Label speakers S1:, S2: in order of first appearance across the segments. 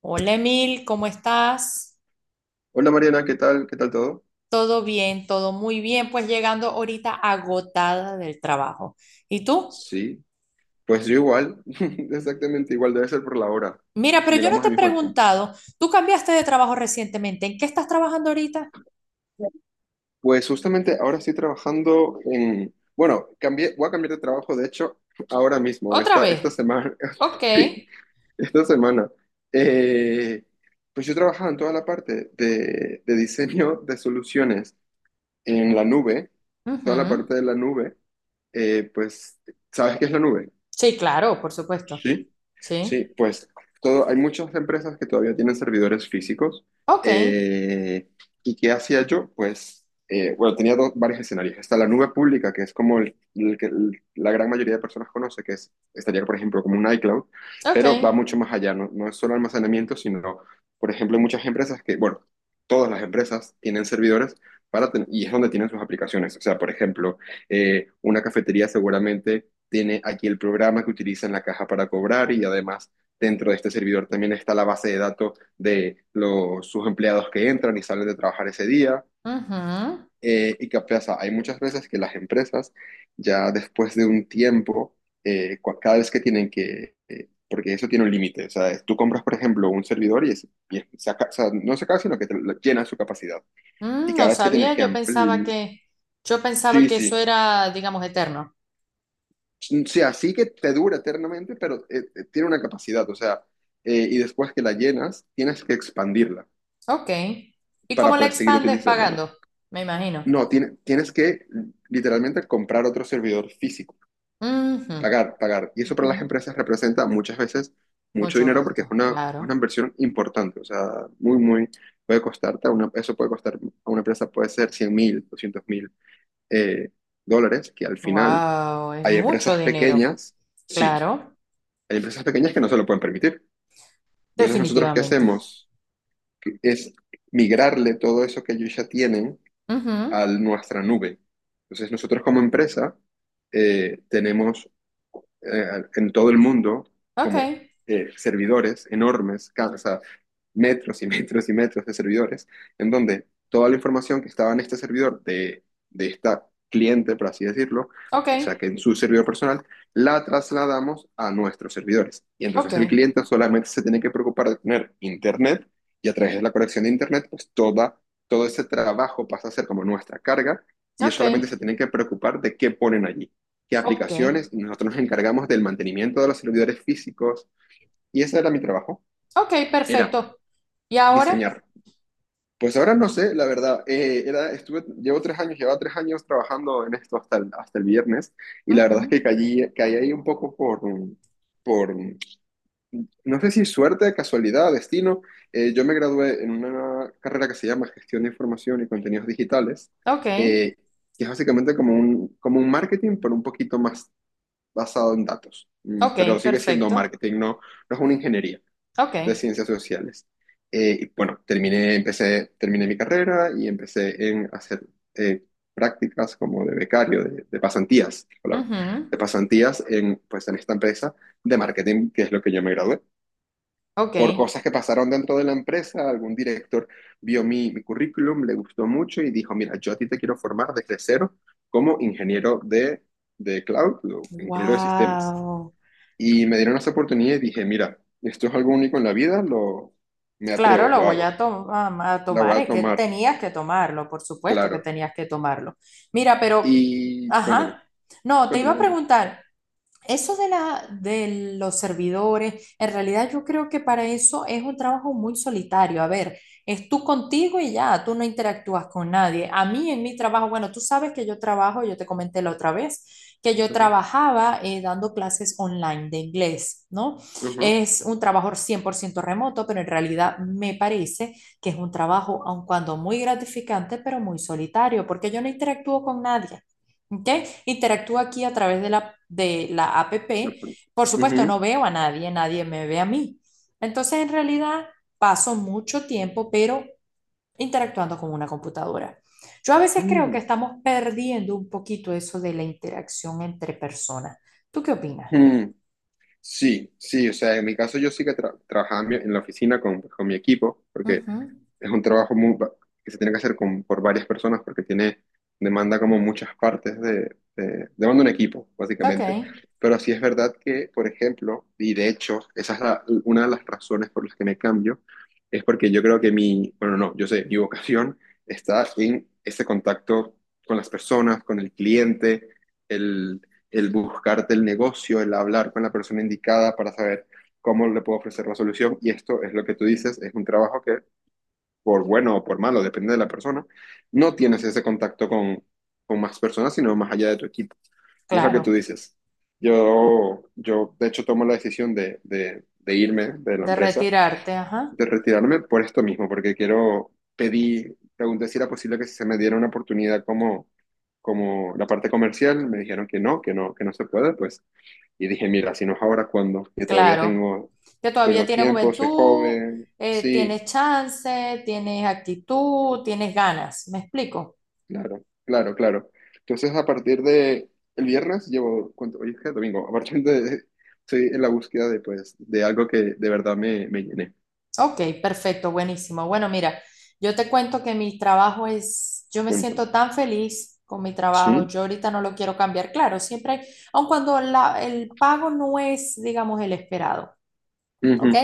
S1: Hola Emil, ¿cómo estás?
S2: Hola Mariana, ¿qué tal? ¿Qué tal todo?
S1: Todo bien, todo muy bien, pues llegando ahorita agotada del trabajo. ¿Y tú?
S2: Sí, pues yo igual, exactamente igual, debe ser por la hora.
S1: Mira, pero yo no
S2: Llegamos
S1: te
S2: al
S1: he
S2: mismo tiempo.
S1: preguntado, tú cambiaste de trabajo recientemente, ¿en qué estás trabajando ahorita?
S2: Pues justamente ahora estoy trabajando en. Bueno, cambié, voy a cambiar de trabajo, de hecho, ahora mismo,
S1: Otra
S2: esta,
S1: vez.
S2: esta semana.
S1: Ok.
S2: Sí, esta semana. Eh, pues yo trabajaba en toda la parte de diseño de soluciones en la
S1: Mm,
S2: nube,
S1: ujú.
S2: toda la parte de la nube. Eh, pues, ¿Sabes qué es la nube?
S1: Sí, claro, por supuesto.
S2: Sí, sí,
S1: Sí.
S2: pues todo, hay muchas empresas que todavía tienen servidores físicos.
S1: Ok,
S2: eh, ¿Y qué hacía yo? Pues, bueno, tenía varios escenarios. Está la nube pública, que es como el que la gran mayoría de personas conoce, que es, estaría, por ejemplo, como un iCloud,
S1: ok.
S2: pero va mucho más allá, no, no es solo almacenamiento, sino, por ejemplo, hay muchas empresas que, bueno, todas las empresas tienen servidores y es donde tienen sus aplicaciones. O sea, por ejemplo, una cafetería seguramente tiene aquí el programa que utiliza en la caja para cobrar y además dentro de este servidor también está la base de datos de los, sus empleados que entran y salen de trabajar ese día.
S1: Ujú.
S2: Y qué pasa, hay muchas veces que las empresas ya después de un tiempo, cada vez que tienen que, porque eso tiene un límite, o sea, tú compras, por ejemplo, un servidor o sea, no se acaba, sino que llena su capacidad. Y
S1: Mm, no
S2: cada vez que tienes
S1: sabía,
S2: que ampliar,
S1: yo pensaba
S2: sí,
S1: que eso
S2: sí,
S1: era, digamos, eterno.
S2: sí, así que te dura eternamente, pero tiene una capacidad, o sea, y después que la llenas, tienes que expandirla
S1: Ok. ¿Y cómo
S2: para
S1: la
S2: poder seguir
S1: expandes
S2: utilizándola.
S1: pagando? Me imagino.
S2: No, tienes que literalmente comprar otro servidor físico,
S1: Ujú,
S2: pagar, pagar. Y eso para
S1: ujú.
S2: las empresas representa muchas veces mucho
S1: Mucho
S2: dinero porque es
S1: gasto,
S2: una
S1: claro.
S2: inversión importante, o sea, muy, muy, puede costarte, a una, eso puede costar a una empresa, puede ser 100.000, 200.000 eh, dólares, que al final
S1: Wow, es
S2: hay
S1: mucho
S2: empresas
S1: dinero,
S2: pequeñas. Sí,
S1: claro,
S2: hay empresas pequeñas que no se lo pueden permitir. Entonces, nosotros qué
S1: definitivamente.
S2: hacemos es migrarle todo eso que ellos ya tienen
S1: Ujú.
S2: a nuestra nube. Entonces, nosotros como empresa tenemos en todo el mundo
S1: Ok,
S2: como servidores enormes, o sea, metros y metros y metros de servidores, en donde toda la información que estaba en este servidor de esta cliente, por así decirlo,
S1: ok,
S2: o sea, que en su servidor personal, la trasladamos a nuestros servidores. Y
S1: ok,
S2: entonces el cliente solamente se tiene que preocupar de tener internet y a través de la conexión de internet, pues toda, todo ese trabajo pasa a ser como nuestra carga y ellos
S1: ok,
S2: solamente se tienen que preocupar de qué ponen allí, qué
S1: ok,
S2: aplicaciones, y nosotros nos encargamos del mantenimiento de los servidores físicos y ese era mi trabajo,
S1: ok,
S2: era
S1: perfecto. ¿Y ahora?
S2: diseñar pues ahora no sé, la verdad. Era, estuve, llevo 3 años, llevaba 3 años trabajando en esto hasta el viernes y la verdad es que
S1: Ujú.
S2: caí ahí un poco por, no sé si suerte, casualidad, destino. Yo me gradué en una carrera que se llama Gestión de Información y Contenidos Digitales,
S1: Ok,
S2: eh, que es básicamente como un marketing, pero un poquito más basado en datos. Pero
S1: ok,
S2: sigue siendo
S1: perfecto.
S2: marketing, no, no es una ingeniería
S1: Ok,
S2: de ciencias sociales. Y bueno, terminé, empecé, terminé mi carrera y empecé en hacer eh, prácticas como de becario, de pasantías, es la palabra,
S1: ujú,
S2: de pasantías en, pues, en esta empresa de marketing, que es lo que yo me gradué.
S1: ok.
S2: Por cosas que pasaron dentro de la empresa, algún director vio mi currículum, le gustó mucho y dijo, mira, yo a ti te quiero formar desde cero como ingeniero de cloud, o ingeniero de sistemas.
S1: Wow.
S2: Y me dieron esa oportunidad y dije, mira, esto es algo único en la vida, lo, me
S1: Claro,
S2: atrevo,
S1: lo
S2: lo
S1: voy a,
S2: hago, la voy
S1: tomar,
S2: a
S1: es que
S2: tomar,
S1: tenías que tomarlo, por supuesto que
S2: claro.
S1: tenías que tomarlo. Mira, pero,
S2: Y cuéntame,
S1: ajá, no, te iba
S2: cuéntame,
S1: a
S2: cuéntame.
S1: preguntar, eso de la, de los servidores, en realidad yo creo que para eso es un trabajo muy solitario. A ver, es tú contigo y ya, tú no interactúas con nadie. A mí en mi trabajo, bueno, tú sabes que yo trabajo, yo te comenté la otra vez, que yo
S2: Ujú,
S1: trabajaba dando clases online de inglés, ¿no?
S2: ujú,
S1: Es un trabajo 100% remoto, pero en realidad me parece que es un trabajo, aun cuando muy gratificante, pero muy solitario, porque yo no interactúo con nadie. ¿Ok? Interactúa aquí a través de la app. Por
S2: ujú,
S1: supuesto, no
S2: ujú.
S1: veo a nadie, nadie me ve a mí. Entonces, en realidad, paso mucho tiempo, pero interactuando con una computadora. Yo a veces creo que
S2: Mm,
S1: estamos perdiendo un poquito eso de la interacción entre personas. ¿Tú qué opinas?
S2: mm. Sí, sí, o sea, en mi caso yo sí que trabajaba en en la oficina con mi equipo, porque
S1: Ujú.
S2: es un trabajo que se tiene que hacer por varias personas porque tiene, demanda como muchas partes demanda un equipo,
S1: Ok,
S2: básicamente. Pero sí es verdad que, por ejemplo, y de hecho, esa es una de las razones por las que me cambio, es porque yo creo que mi, bueno, no, yo sé, mi vocación está en ese contacto con las personas, con el cliente, el, el buscarte el negocio, el hablar con la persona indicada para saber cómo le puedo ofrecer la solución. Y esto es lo que tú dices, es un trabajo que por bueno o por malo, depende de la persona, no tienes ese contacto con más personas, sino más allá de tu equipo. Y es lo que tú
S1: claro.
S2: dices. Yo de hecho, tomo la decisión de irme de la
S1: De
S2: empresa,
S1: retirarte, ajá.
S2: de retirarme por esto mismo, porque quiero, pedí, pregunté si era posible que se me diera una oportunidad como la parte comercial, me dijeron que no, que no, que no se puede, pues, y dije, mira, si no es ahora, ¿cuándo? Que todavía
S1: Claro.
S2: tengo,
S1: Que todavía
S2: tengo
S1: tienes
S2: tiempo, soy
S1: juventud,
S2: joven, sí,
S1: tienes chance, tienes actitud, tienes ganas. ¿Me explico?
S2: claro, claro, claro. Entonces, a partir de el viernes llevo, ¿cuánto? Hoy es que domingo. A partir de, estoy en la búsqueda de, pues, de algo que de verdad me llene.
S1: Ok, perfecto, buenísimo. Bueno, mira, yo te cuento que mi trabajo es, yo me
S2: Punto.
S1: siento tan feliz con mi trabajo,
S2: Sí.
S1: yo ahorita no lo quiero cambiar, claro, siempre, aun cuando el pago no es, digamos, el esperado. ¿Ok?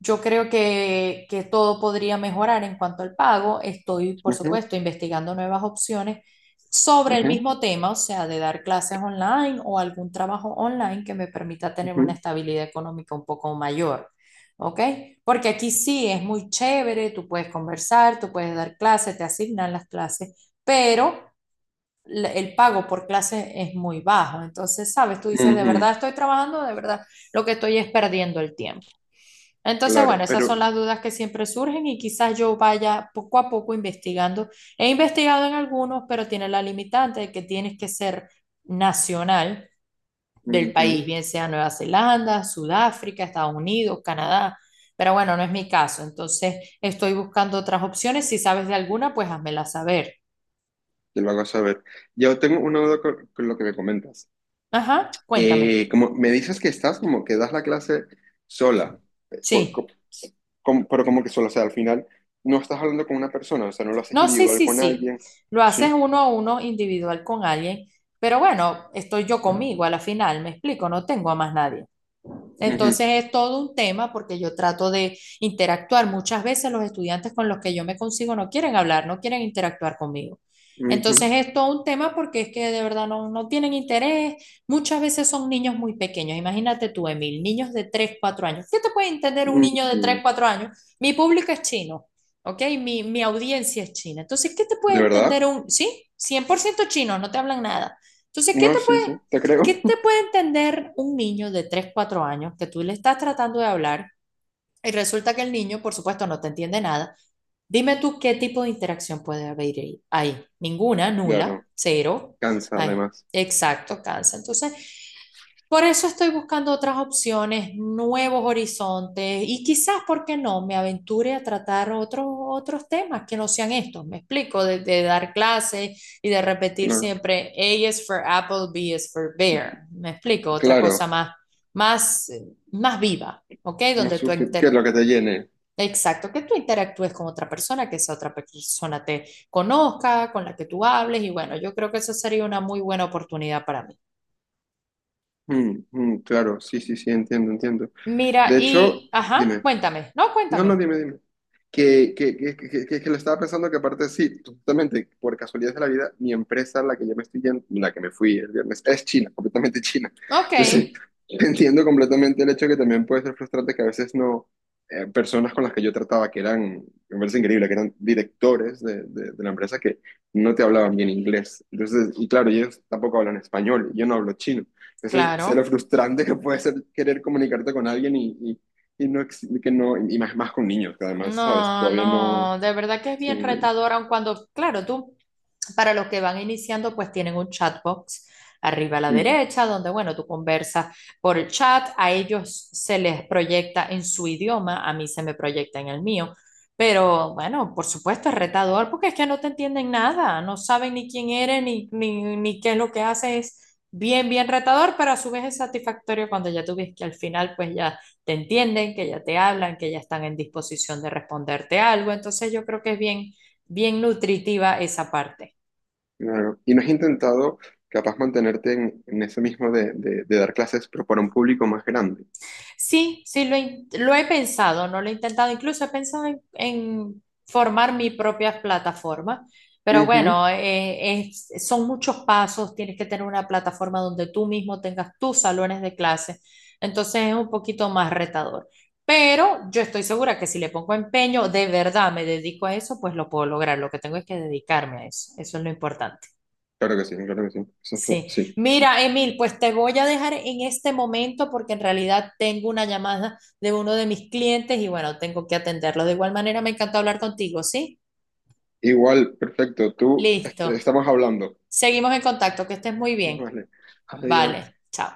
S1: Yo creo que todo podría mejorar en cuanto al pago. Estoy, por
S2: Ujú, ujú,
S1: supuesto, investigando nuevas opciones sobre el
S2: ujú,
S1: mismo tema, o sea, de dar clases online o algún trabajo online que me permita tener una
S2: ujú,
S1: estabilidad económica un poco mayor, ¿ok? Porque aquí sí es muy chévere, tú puedes conversar, tú puedes dar clases, te asignan las clases, pero el pago por clase es muy bajo. Entonces, sabes, tú dices, de verdad
S2: ujú.
S1: estoy trabajando, de verdad lo que estoy es perdiendo el tiempo. Entonces, bueno,
S2: Claro,
S1: esas
S2: pero,
S1: son las dudas que siempre surgen y quizás yo vaya poco a poco investigando. He investigado en algunos, pero tiene la limitante de que tienes que ser nacional del país,
S2: ujú,
S1: bien sea Nueva Zelanda, Sudáfrica, Estados Unidos, Canadá. Pero bueno, no es mi caso. Entonces, estoy buscando otras opciones. Si sabes de alguna, pues házmela saber.
S2: te lo hago saber. Yo tengo una duda con lo que me comentas.
S1: Ajá, cuéntame.
S2: Como me dices que estás como que das la clase sola, eh, por-
S1: Sí.
S2: co- pero como que sola, o sea, al final no estás hablando con una persona, o sea, no lo haces
S1: No, sí,
S2: individual
S1: sí,
S2: con
S1: sí.
S2: alguien,
S1: Lo haces
S2: ¿sí?
S1: uno a uno individual con alguien, pero bueno, estoy yo conmigo a la final, me explico, no tengo a más nadie.
S2: Ujú,
S1: Entonces es todo un tema porque yo trato de interactuar. Muchas veces los estudiantes con los que yo me consigo no quieren hablar, no quieren interactuar conmigo.
S2: ujú,
S1: Entonces es todo un tema porque es que de verdad no, no tienen interés. Muchas veces son niños muy pequeños. Imagínate tú, Emil, niños de 3 4 años. ¿Qué te puede entender un niño de 3
S2: mm.
S1: 4 años? Mi público es chino, ¿ok? Mi audiencia es china. Entonces, ¿qué te puede
S2: ¿De verdad?
S1: entender un, sí, 100% chino, no te hablan nada. Entonces, ¿qué
S2: No,
S1: te
S2: sí,
S1: puede,
S2: sí, te creo.
S1: ¿Qué te puede entender un niño de 3 4 años que tú le estás tratando de hablar y resulta que el niño, por supuesto, no te entiende nada? Dime tú qué tipo de interacción puede haber ahí. Ninguna, nula,
S2: Claro,
S1: cero.
S2: cansa
S1: ahí,
S2: además.
S1: exacto, cansa. Entonces, por eso estoy buscando otras opciones, nuevos horizontes y quizás, ¿por qué no?, me aventure a tratar otros temas que no sean estos. Me explico, de dar clases y de repetir
S2: Claro,
S1: siempre, A is for apple, B is for bear. Me explico,
S2: claro,
S1: más, más viva, ¿ok?
S2: no
S1: Donde tú
S2: sufi- ¿qué es
S1: inter-
S2: lo que te llene?
S1: Exacto, que tú interactúes con otra persona, que esa otra persona te conozca, con la que tú hables y bueno, yo creo que esa sería una muy buena oportunidad para mí.
S2: Mm, mm, claro, sí, sí, sí, entiendo, entiendo.
S1: Mira,
S2: De
S1: y,
S2: hecho,
S1: ajá,
S2: dime.
S1: cuéntame, no,
S2: No, no,
S1: cuéntame.
S2: dime, dime. Que lo estaba pensando que aparte sí, justamente por casualidad de la vida, mi empresa, la que yo me estoy yendo, la que me fui el viernes, es China, completamente China.
S1: Ok,
S2: Entonces, entiendo completamente el hecho que también puede ser frustrante que a veces no, personas con las que yo trataba, que eran, me parece increíble, que eran directores de la empresa que no te hablaban bien inglés. Entonces, y claro, ellos tampoco hablan español, yo no hablo chino. Entonces, sé lo
S1: claro.
S2: frustrante que puede ser querer comunicarte con alguien y no, que no, y más, más con niños, que además, ¿sabes?
S1: No,
S2: Todavía no,
S1: no, de verdad que es
S2: sí,
S1: bien retador, aun cuando, claro, tú, para los que van iniciando, pues tienen un chatbox arriba a la
S2: ujú,
S1: derecha, donde, bueno, tú conversas por el chat, a ellos se les proyecta en su idioma, a mí se me proyecta en el mío, pero bueno, por supuesto es retador porque es que no te entienden nada, no saben ni quién eres, ni qué es lo que haces, es bien retador, pero a su vez es satisfactorio cuando ya tú ves que al final, pues ya te entienden, que ya te hablan, que ya están en disposición de responderte algo. Entonces yo creo que es bien nutritiva esa parte.
S2: claro. Y no has intentado capaz mantenerte en eso mismo de dar clases, pero para un público más grande.
S1: Lo he pensado, no lo he intentado, incluso he pensado en formar mi propia plataforma, pero
S2: Ujú,
S1: bueno, son muchos pasos, tienes que tener una plataforma donde tú mismo tengas tus salones de clase, entonces es un poquito más retador, pero yo estoy segura que si le pongo empeño, de verdad me dedico a eso, pues lo puedo lograr, lo que tengo es que dedicarme a eso, eso es lo importante.
S2: claro que sí, claro que sí. Eso es,
S1: Sí,
S2: sí, sí.
S1: mira, Emil, pues te voy a dejar en este momento porque en realidad tengo una llamada de uno de mis clientes y bueno, tengo que atenderlo. De igual manera, me encanta hablar contigo, ¿sí?
S2: Igual, perfecto, tú,
S1: Listo.
S2: estamos hablando.
S1: Seguimos en contacto, que estés muy bien.
S2: Vale, adiós.
S1: Vale, chao.